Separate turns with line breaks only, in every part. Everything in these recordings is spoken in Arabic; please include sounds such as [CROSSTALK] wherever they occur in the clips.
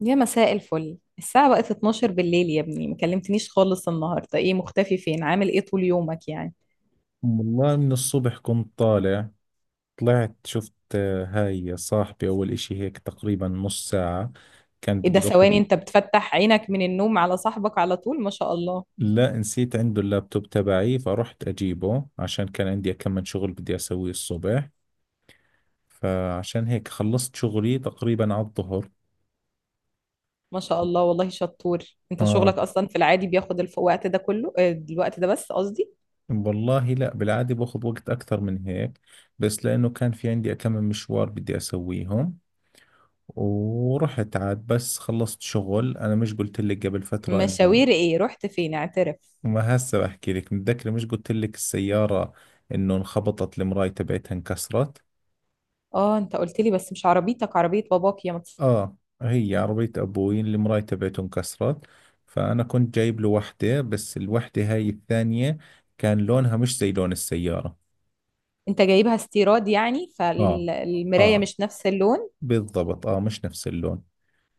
يا مساء الفل، الساعة بقت 12 بالليل. يا ابني، ما كلمتنيش خالص النهاردة. ايه، مختفي فين؟ عامل ايه طول يومك يعني؟
والله من الصبح كنت طالع. طلعت شفت، هاي صاحبي أول إشي، هيك تقريبا نص ساعة. كان
ايه ده؟
بدي أخذ
ثواني، انت بتفتح عينك من النوم على صاحبك على طول؟ ما شاء الله.
لا، نسيت عنده اللابتوب تبعي، فرحت أجيبه عشان كان عندي كم من شغل بدي أسويه الصبح. فعشان هيك خلصت شغلي تقريبا على الظهر.
ما شاء الله، والله شطور. انت شغلك
آه،
اصلا في العادي بياخد الوقت ده كله؟ الوقت ده بس، قصدي.
والله لا، بالعادة باخذ وقت أكثر من هيك، بس لأنه كان في عندي كم من مشوار بدي أسويهم. ورحت عاد بس خلصت شغل، أنا مش قلت لك قبل فترة إنه،
مشاوير ايه؟ رحت فين؟ اعترف.
ما هسه بحكي لك؟ متذكرة مش قلت لك السيارة انه انخبطت المراية تبعتها انكسرت؟
اه، انت قلت لي، بس مش عربيتك، عربية باباك
اه، هي عربية ابوي اللي المراية تبعته انكسرت. فانا كنت جايب له وحدة، بس الوحدة هاي الثانية كان لونها مش زي لون السيارة.
انت جايبها استيراد يعني،
اه،
فالمراية
اه،
مش نفس
بالضبط، اه مش نفس اللون.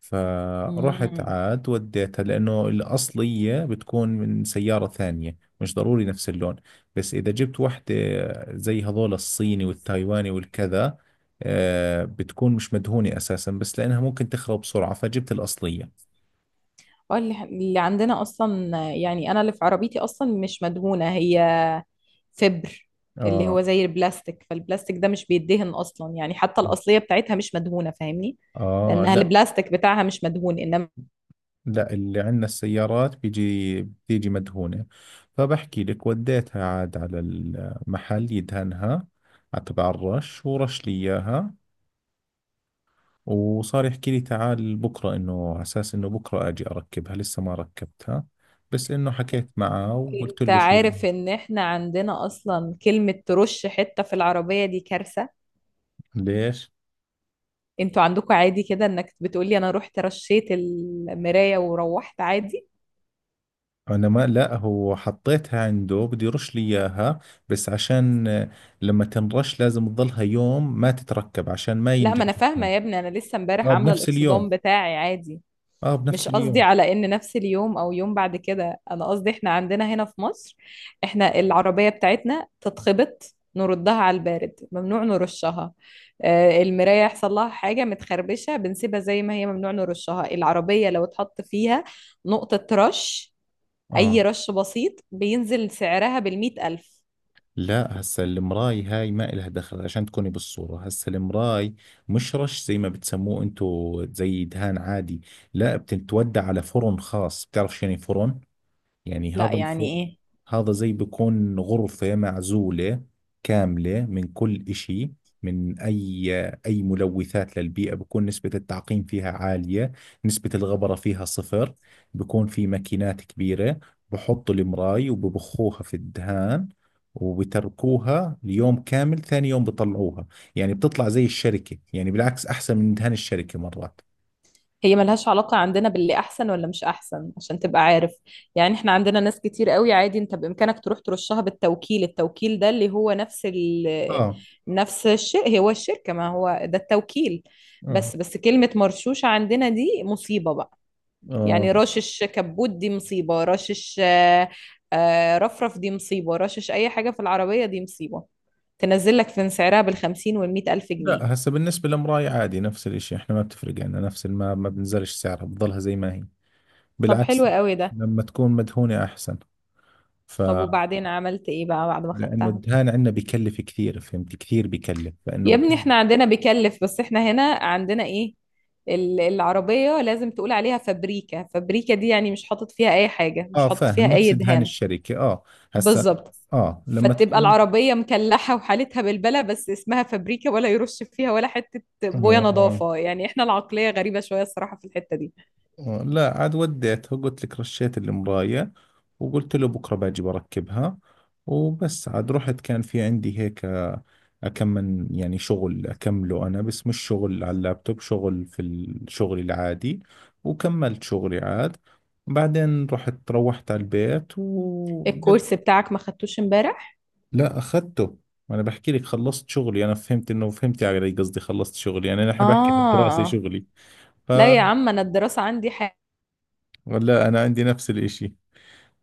فرحت
اللون.
عاد وديتها، لأنه الأصلية بتكون من سيارة ثانية، مش ضروري نفس اللون. بس إذا جبت واحدة زي هذول الصيني والتايواني والكذا، بتكون مش مدهونة أساسا، بس لأنها ممكن تخرب بسرعة فجبت الأصلية.
اه، اللي عندنا اصلا يعني، انا اللي في عربيتي اصلا مش مدهونه هي، فبر اللي هو
آه
زي البلاستيك، فالبلاستيك ده مش بيدهن اصلا يعني، حتى الاصليه بتاعتها مش مدهونه، فاهمني.
آه،
لانها
لا،
البلاستيك بتاعها مش مدهون، انما.
لا، اللي عندنا السيارات بتيجي مدهونة. فبحكي لك وديتها عاد على المحل يدهنها، على تبع الرش، ورش لي إياها. وصار يحكي لي تعال بكرة، إنه على أساس إنه بكرة أجي أركبها، لسه ما ركبتها. بس إنه حكيت معه وقلت
انت
له شو.
عارف ان احنا عندنا اصلا كلمه ترش حته في العربيه دي كارثه؟
ليش؟
انتوا عندكم عادي كده انك بتقولي انا رحت رشيت المرايه وروحت عادي.
أنا ما لا هو حطيتها عنده بده يرش لي إياها، بس عشان، لما تنرش لازم تضلها يوم ما تتركب عشان ما
لا، ما
ينجرح
انا فاهمه يا
الكلام.
ابني، انا لسه امبارح
آه،
عامله
بنفس
الاكسدام
اليوم.
بتاعي عادي.
آه،
مش
بنفس
قصدي
اليوم.
على ان نفس اليوم او يوم بعد كده، انا قصدي احنا عندنا هنا في مصر. احنا العربية بتاعتنا تتخبط نردها على البارد، ممنوع نرشها. المراية يحصل لها حاجة متخربشة بنسيبها زي ما هي، ممنوع نرشها العربية. لو اتحط فيها نقطة رش، أي
آه،
رش بسيط، بينزل سعرها بالمئة ألف.
لا، هسا المراي هاي ما إلها دخل، عشان تكوني بالصورة، هسا المراي مش رش زي ما بتسموه انتو زي دهان عادي. لا، بتتودى على فرن خاص. بتعرف شو يعني فرن؟ يعني
لا، يعني إيه؟
هذا، زي بكون غرفة معزولة كاملة من كل إشي، من أي، ملوثات للبيئة، بكون نسبة التعقيم فيها عالية، نسبة الغبرة فيها صفر. بكون في ماكينات كبيرة، بحطوا المراي وببخوها في الدهان، وبتركوها ليوم كامل، ثاني يوم بطلعوها. يعني بتطلع زي الشركة، يعني بالعكس أحسن من دهان الشركة مرات.
هي ملهاش علاقة عندنا باللي أحسن ولا مش أحسن عشان تبقى عارف. يعني إحنا عندنا ناس كتير قوي عادي، أنت بإمكانك تروح ترشها بالتوكيل، التوكيل ده اللي هو نفس
آه،
نفس الشيء، هو الشركة، ما هو ده التوكيل.
آه،
بس كلمة مرشوشة عندنا دي مصيبة بقى.
آه،
يعني رشش كبوت دي مصيبة، رشش رفرف دي مصيبة، رشش أي حاجة في العربية دي مصيبة تنزل لك في سعرها بالخمسين والمية ألف جنيه.
لا، هسه بالنسبة للمراية عادي نفس الاشي، احنا ما بتفرق عنا، نفس ما بنزلش سعرها، بتضلها زي ما هي،
طب حلو
بالعكس،
قوي ده.
لما تكون مدهونة احسن. ف
طب، وبعدين عملت إيه بقى بعد ما
لانه
خدتها؟
الدهان عندنا بكلف كثير، فهمت؟ كثير بكلف، فانه
يا ابني
بكون.
احنا عندنا بيكلف، بس احنا هنا عندنا ايه، العربية لازم تقول عليها فابريكا. فابريكا دي يعني مش حاطط فيها اي حاجة، مش
اه،
حاطط
فاهم،
فيها اي
نفس دهان
دهان.
الشركة، اه. هسه،
بالظبط.
اه لما
فتبقى
تكون،
العربية مكلحة وحالتها بالبلة، بس اسمها فابريكا، ولا يرش فيها ولا حتة بوية
اه.
نظافة. يعني احنا العقلية غريبة شوية الصراحة في الحتة دي.
لا، عاد وديتها قلت لك رشيت المراية، وقلت له بكرة باجي بركبها. وبس عاد رحت، كان في عندي هيك، أكمل يعني شغل أكمله، أنا بس مش شغل على اللابتوب، شغل في الشغل العادي. وكملت شغلي عاد. بعدين روحت على البيت، و...
الكورس بتاعك ما خدتوش امبارح؟
لا، أخذته. أنا بحكي لك خلصت شغلي، أنا فهمت إنه، فهمت علي قصدي، خلصت شغلي يعني، أنا نحن بحكي عن الدراسة،
اه،
شغلي.
لا يا
فلا،
عم، انا الدراسة عندي حاجة.
أنا عندي نفس الإشي.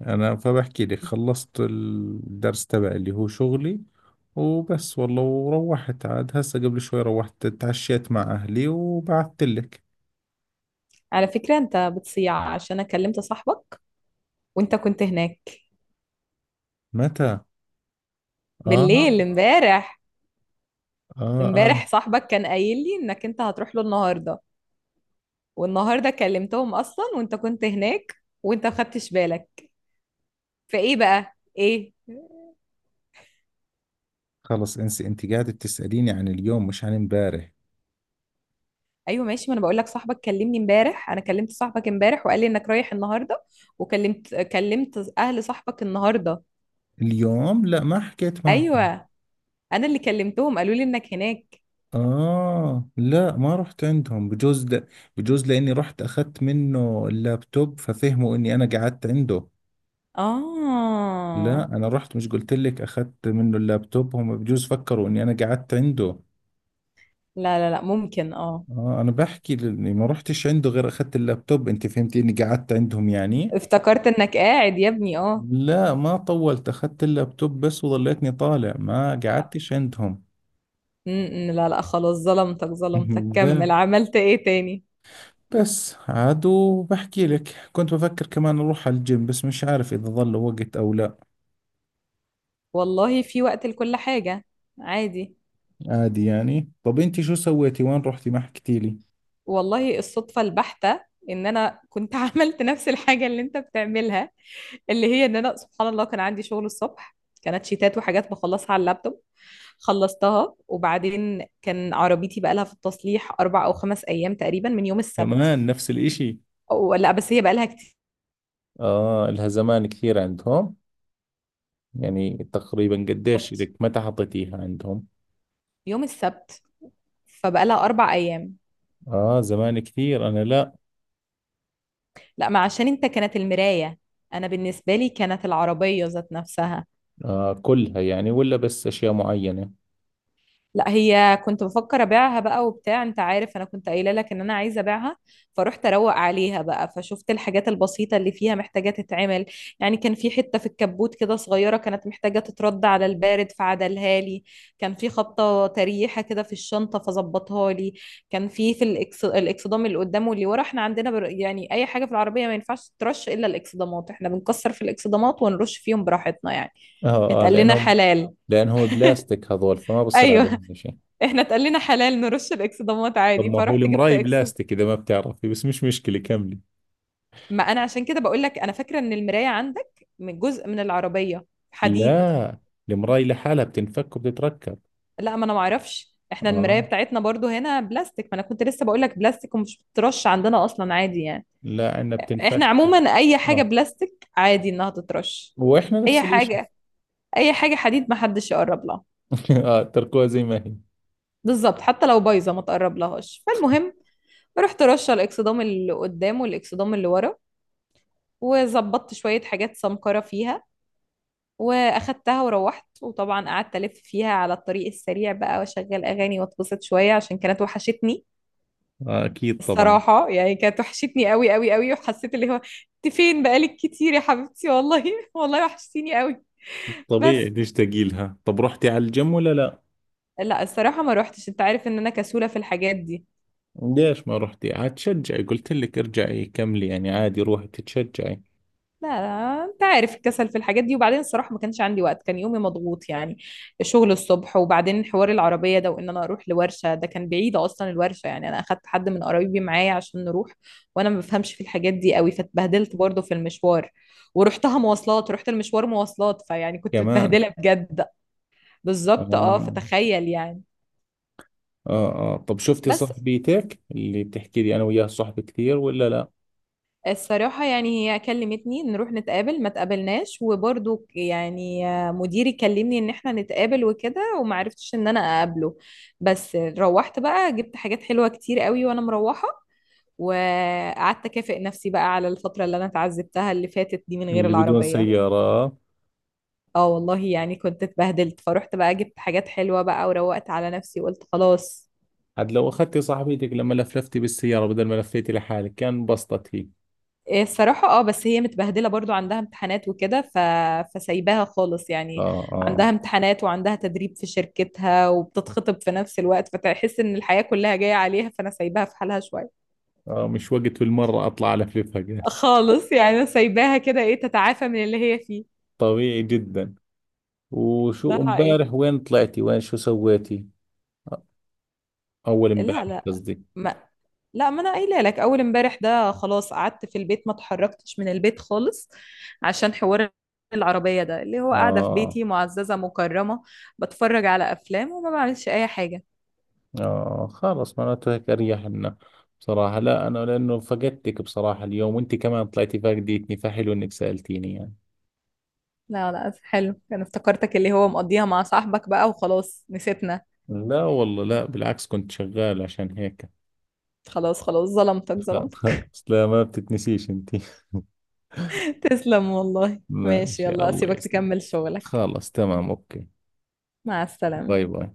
انا فبحكي لك خلصت الدرس تبعي اللي هو شغلي. وبس والله، وروحت عاد هسه قبل شوي، روحت تعشيت مع اهلي وبعثت لك.
على فكرة انت بتصيع، عشان انا كلمت صاحبك وانت كنت هناك.
متى؟ اه،
بالليل، امبارح.
اه، اه.
امبارح صاحبك كان قايل لي انك انت هتروح له النهارده، والنهارده كلمتهم اصلا وانت كنت هناك، وانت ما خدتش بالك، فايه بقى ايه؟
خلص انسي، انت قاعدة تسأليني عن اليوم مش عن امبارح.
ايوه ماشي، ما انا بقول لك صاحبك كلمني امبارح، انا كلمت صاحبك امبارح وقال لي انك رايح النهارده، وكلمت اهل صاحبك النهارده.
اليوم لا، ما حكيت معهم.
ايوه، انا اللي كلمتهم قالوا لي انك هناك.
اه، لا ما رحت عندهم، بجوز لاني رحت اخذت منه اللابتوب ففهموا اني انا قعدت عنده. لا،
اه،
انا رحت، مش قلت لك اخذت منه اللابتوب؟ هم بجوز فكروا اني انا قعدت عنده.
لا لا لا، ممكن اه.
اه، انا بحكي لاني ما رحتش عنده غير اخذت اللابتوب، انت فهمتي اني قعدت عندهم يعني.
افتكرت انك قاعد يا ابني، اه.
لا ما طولت، اخذت اللابتوب بس وظليتني طالع، ما قعدتش عندهم.
م- لا لا خلاص، ظلمتك ظلمتك.
[LAUGHS]
كمل،
ده
عملت ايه تاني؟
بس عاد، وبحكي لك كنت بفكر كمان اروح على الجيم، بس مش عارف اذا ظل وقت او لا.
والله في وقت لكل حاجة، عادي.
عادي يعني. طب انت شو سويتي، وين رحتي؟ ما حكيتي لي.
والله، الصدفة البحتة ان انا كنت [LAUGHS] عملت نفس الحاجة اللي انت بتعملها، اللي هي ان انا سبحان الله كان عندي شغل الصبح. كانت شيتات وحاجات بخلصها على اللابتوب، خلصتها. وبعدين كان عربيتي بقالها في التصليح اربع او خمس ايام تقريبا من يوم السبت.
كمان نفس الإشي.
أو لا، بس هي بقالها كتير.
آه، لها زمان كثير عندهم. يعني تقريبا قديش
بالظبط.
لك متى حطيتيها عندهم؟
يوم السبت. فبقالها اربع ايام.
آه زمان كثير، أنا لا.
لا، ما عشان انت كانت المراية، انا بالنسبة لي كانت العربية ذات نفسها.
آه، كلها يعني ولا بس أشياء معينة؟
لا، هي كنت بفكر ابيعها بقى وبتاع، انت عارف انا كنت قايله لك ان انا عايزه ابيعها. فروحت اروق عليها بقى، فشفت الحاجات البسيطه اللي فيها محتاجه تتعمل. يعني كان في حته في الكبوت كده صغيره كانت محتاجه تترد على البارد، فعدلها لي. كان في خبطه تريحه كده في الشنطه، فظبطها لي. كان في الاكسدام اللي قدام واللي ورا. احنا عندنا يعني اي حاجه في العربيه ما ينفعش ترش الا الاكسدامات. احنا بنكسر في الاكسدامات ونرش فيهم براحتنا يعني.
آه، آه،
اتقال لنا
لأنهم
حلال.
لأنهم بلاستيك هذول، فما بصير
ايوه،
عليهم شيء.
احنا اتقال لنا حلال نرش الاكسدامات
طب
عادي.
ما هو
فرحت جبت
المراي بلاستيك، إذا ما بتعرفي بس مش مشكلة كملي.
ما انا عشان كده بقول لك، انا فاكره ان المرايه عندك من جزء من العربيه، حديد.
لا. المراي لحالها بتنفك وبتتركب.
لا، ما انا ما اعرفش، احنا المرايه
آه،
بتاعتنا برضو هنا بلاستيك، ما انا كنت لسه بقول لك بلاستيك ومش بترش عندنا اصلا عادي يعني.
لا عندنا
احنا
بتنفك.
عموما اي حاجه
آه،
بلاستيك عادي انها تترش.
وإحنا
اي
نفس الإشي.
حاجه، اي حاجه حديد ما حدش يقرب لها.
[LAUGHS] آه، تركوها زي ما هي.
بالظبط، حتى لو بايظه ما تقرب لهاش. فالمهم، رحت رشه الاكسدام اللي قدام والاكسدام اللي ورا، وظبطت شويه حاجات سمكره فيها، واخدتها وروحت. وطبعا قعدت الف فيها على الطريق السريع بقى، واشغل اغاني واتبسط شويه، عشان كانت وحشتني.
آه، أكيد طبعا.
الصراحه يعني كانت وحشتني قوي قوي قوي، وحسيت اللي هو انت فين بقالك كتير يا حبيبتي، والله [LAUGHS] والله وحشتيني قوي. بس،
طبيعي تشتاقي لها. طب رحتي على الجيم ولا لا؟
لا الصراحه ما روحتش، انت عارف ان انا كسوله في الحاجات دي.
ليش ما رحتي عاد تشجعي؟ قلت لك ارجعي كملي يعني، عادي روحي تتشجعي.
لا لا، انت عارف الكسل في الحاجات دي، وبعدين الصراحة ما كانش عندي وقت، كان يومي مضغوط يعني. الشغل الصبح، وبعدين حوار العربية ده، وان انا اروح لورشة ده كان بعيد اصلا الورشة، يعني انا اخدت حد من قرايبي معايا عشان نروح. وانا ما بفهمش في الحاجات دي قوي، فاتبهدلت برضه في المشوار. ورحتها مواصلات، رحت المشوار مواصلات، فيعني كنت
كمان.
متبهدلة بجد. بالظبط اه،
آه،
فتخيل يعني.
آه، آه. طب شفتي
بس،
صاحبيتك اللي بتحكي لي؟ أنا وياها صحبة كثير ولا لا؟
الصراحة يعني هي كلمتني نروح نتقابل ما تقابلناش، وبرضو يعني مديري كلمني ان احنا نتقابل وكده، وما عرفتش ان انا اقابله. بس روحت بقى جبت حاجات حلوة كتير قوي وانا مروحة، وقعدت اكافئ نفسي بقى على الفترة اللي انا اتعذبتها اللي فاتت دي من غير
اللي بدون
العربية.
سيارة.
اه والله يعني كنت اتبهدلت، فروحت بقى جبت حاجات حلوة بقى وروقت على نفسي وقلت خلاص.
عاد لو أخذتي صاحبيتك لما لفلفتي بالسيارة بدل ما لفيتي لحالك كان انبسطت هي.
إيه الصراحة اه، بس هي متبهدلة برضو، عندها امتحانات وكده فسايباها خالص يعني.
آه، آه،
عندها امتحانات وعندها تدريب في شركتها وبتتخطب في نفس الوقت، فتحس ان الحياة كلها جاية عليها، فانا سايباها في حالها شوية.
آه، مش وقت بالمرة أطلع ألفلفها قال.
خالص يعني انا سايباها كده ايه تتعافى من اللي هي فيه.
طبيعي جدا.
ده
وشو
حقيقي.
امبارح، وين طلعتي، وين شو سويتي؟ أول
لا
امبارح
لا،
قصدي.
ما ما انا قايله لك اول امبارح ده خلاص قعدت في البيت، ما اتحركتش من البيت خالص عشان حوار العربية ده، اللي هو قاعدة في
آه،
بيتي معززة مكرمة، بتفرج على افلام وما بعملش اي حاجة.
آه، خلاص، معناته هيك أريح لنا. بصراحة لا، أنا لأنه فقدتك بصراحة اليوم، وأنت كمان طلعتي فاقدتني، فحلو إنك سألتيني يعني.
لا لا، حلو، انا افتكرتك اللي هو مقضيها مع صاحبك بقى وخلاص نسيتنا.
لا والله، لا بالعكس، كنت شغال عشان هيك.
خلاص خلاص، ظلمتك
[LAUGHS] لا
ظلمتك.
خلاص، لا، ما بتتنسيش أنت. [LAUGHS]
[LAUGHS] تسلم والله، ماشي،
ماشي،
يلا
الله
اسيبك
يسلمك.
تكمل شغلك.
خلاص تمام، أوكي.
مع السلامة.
باي باي.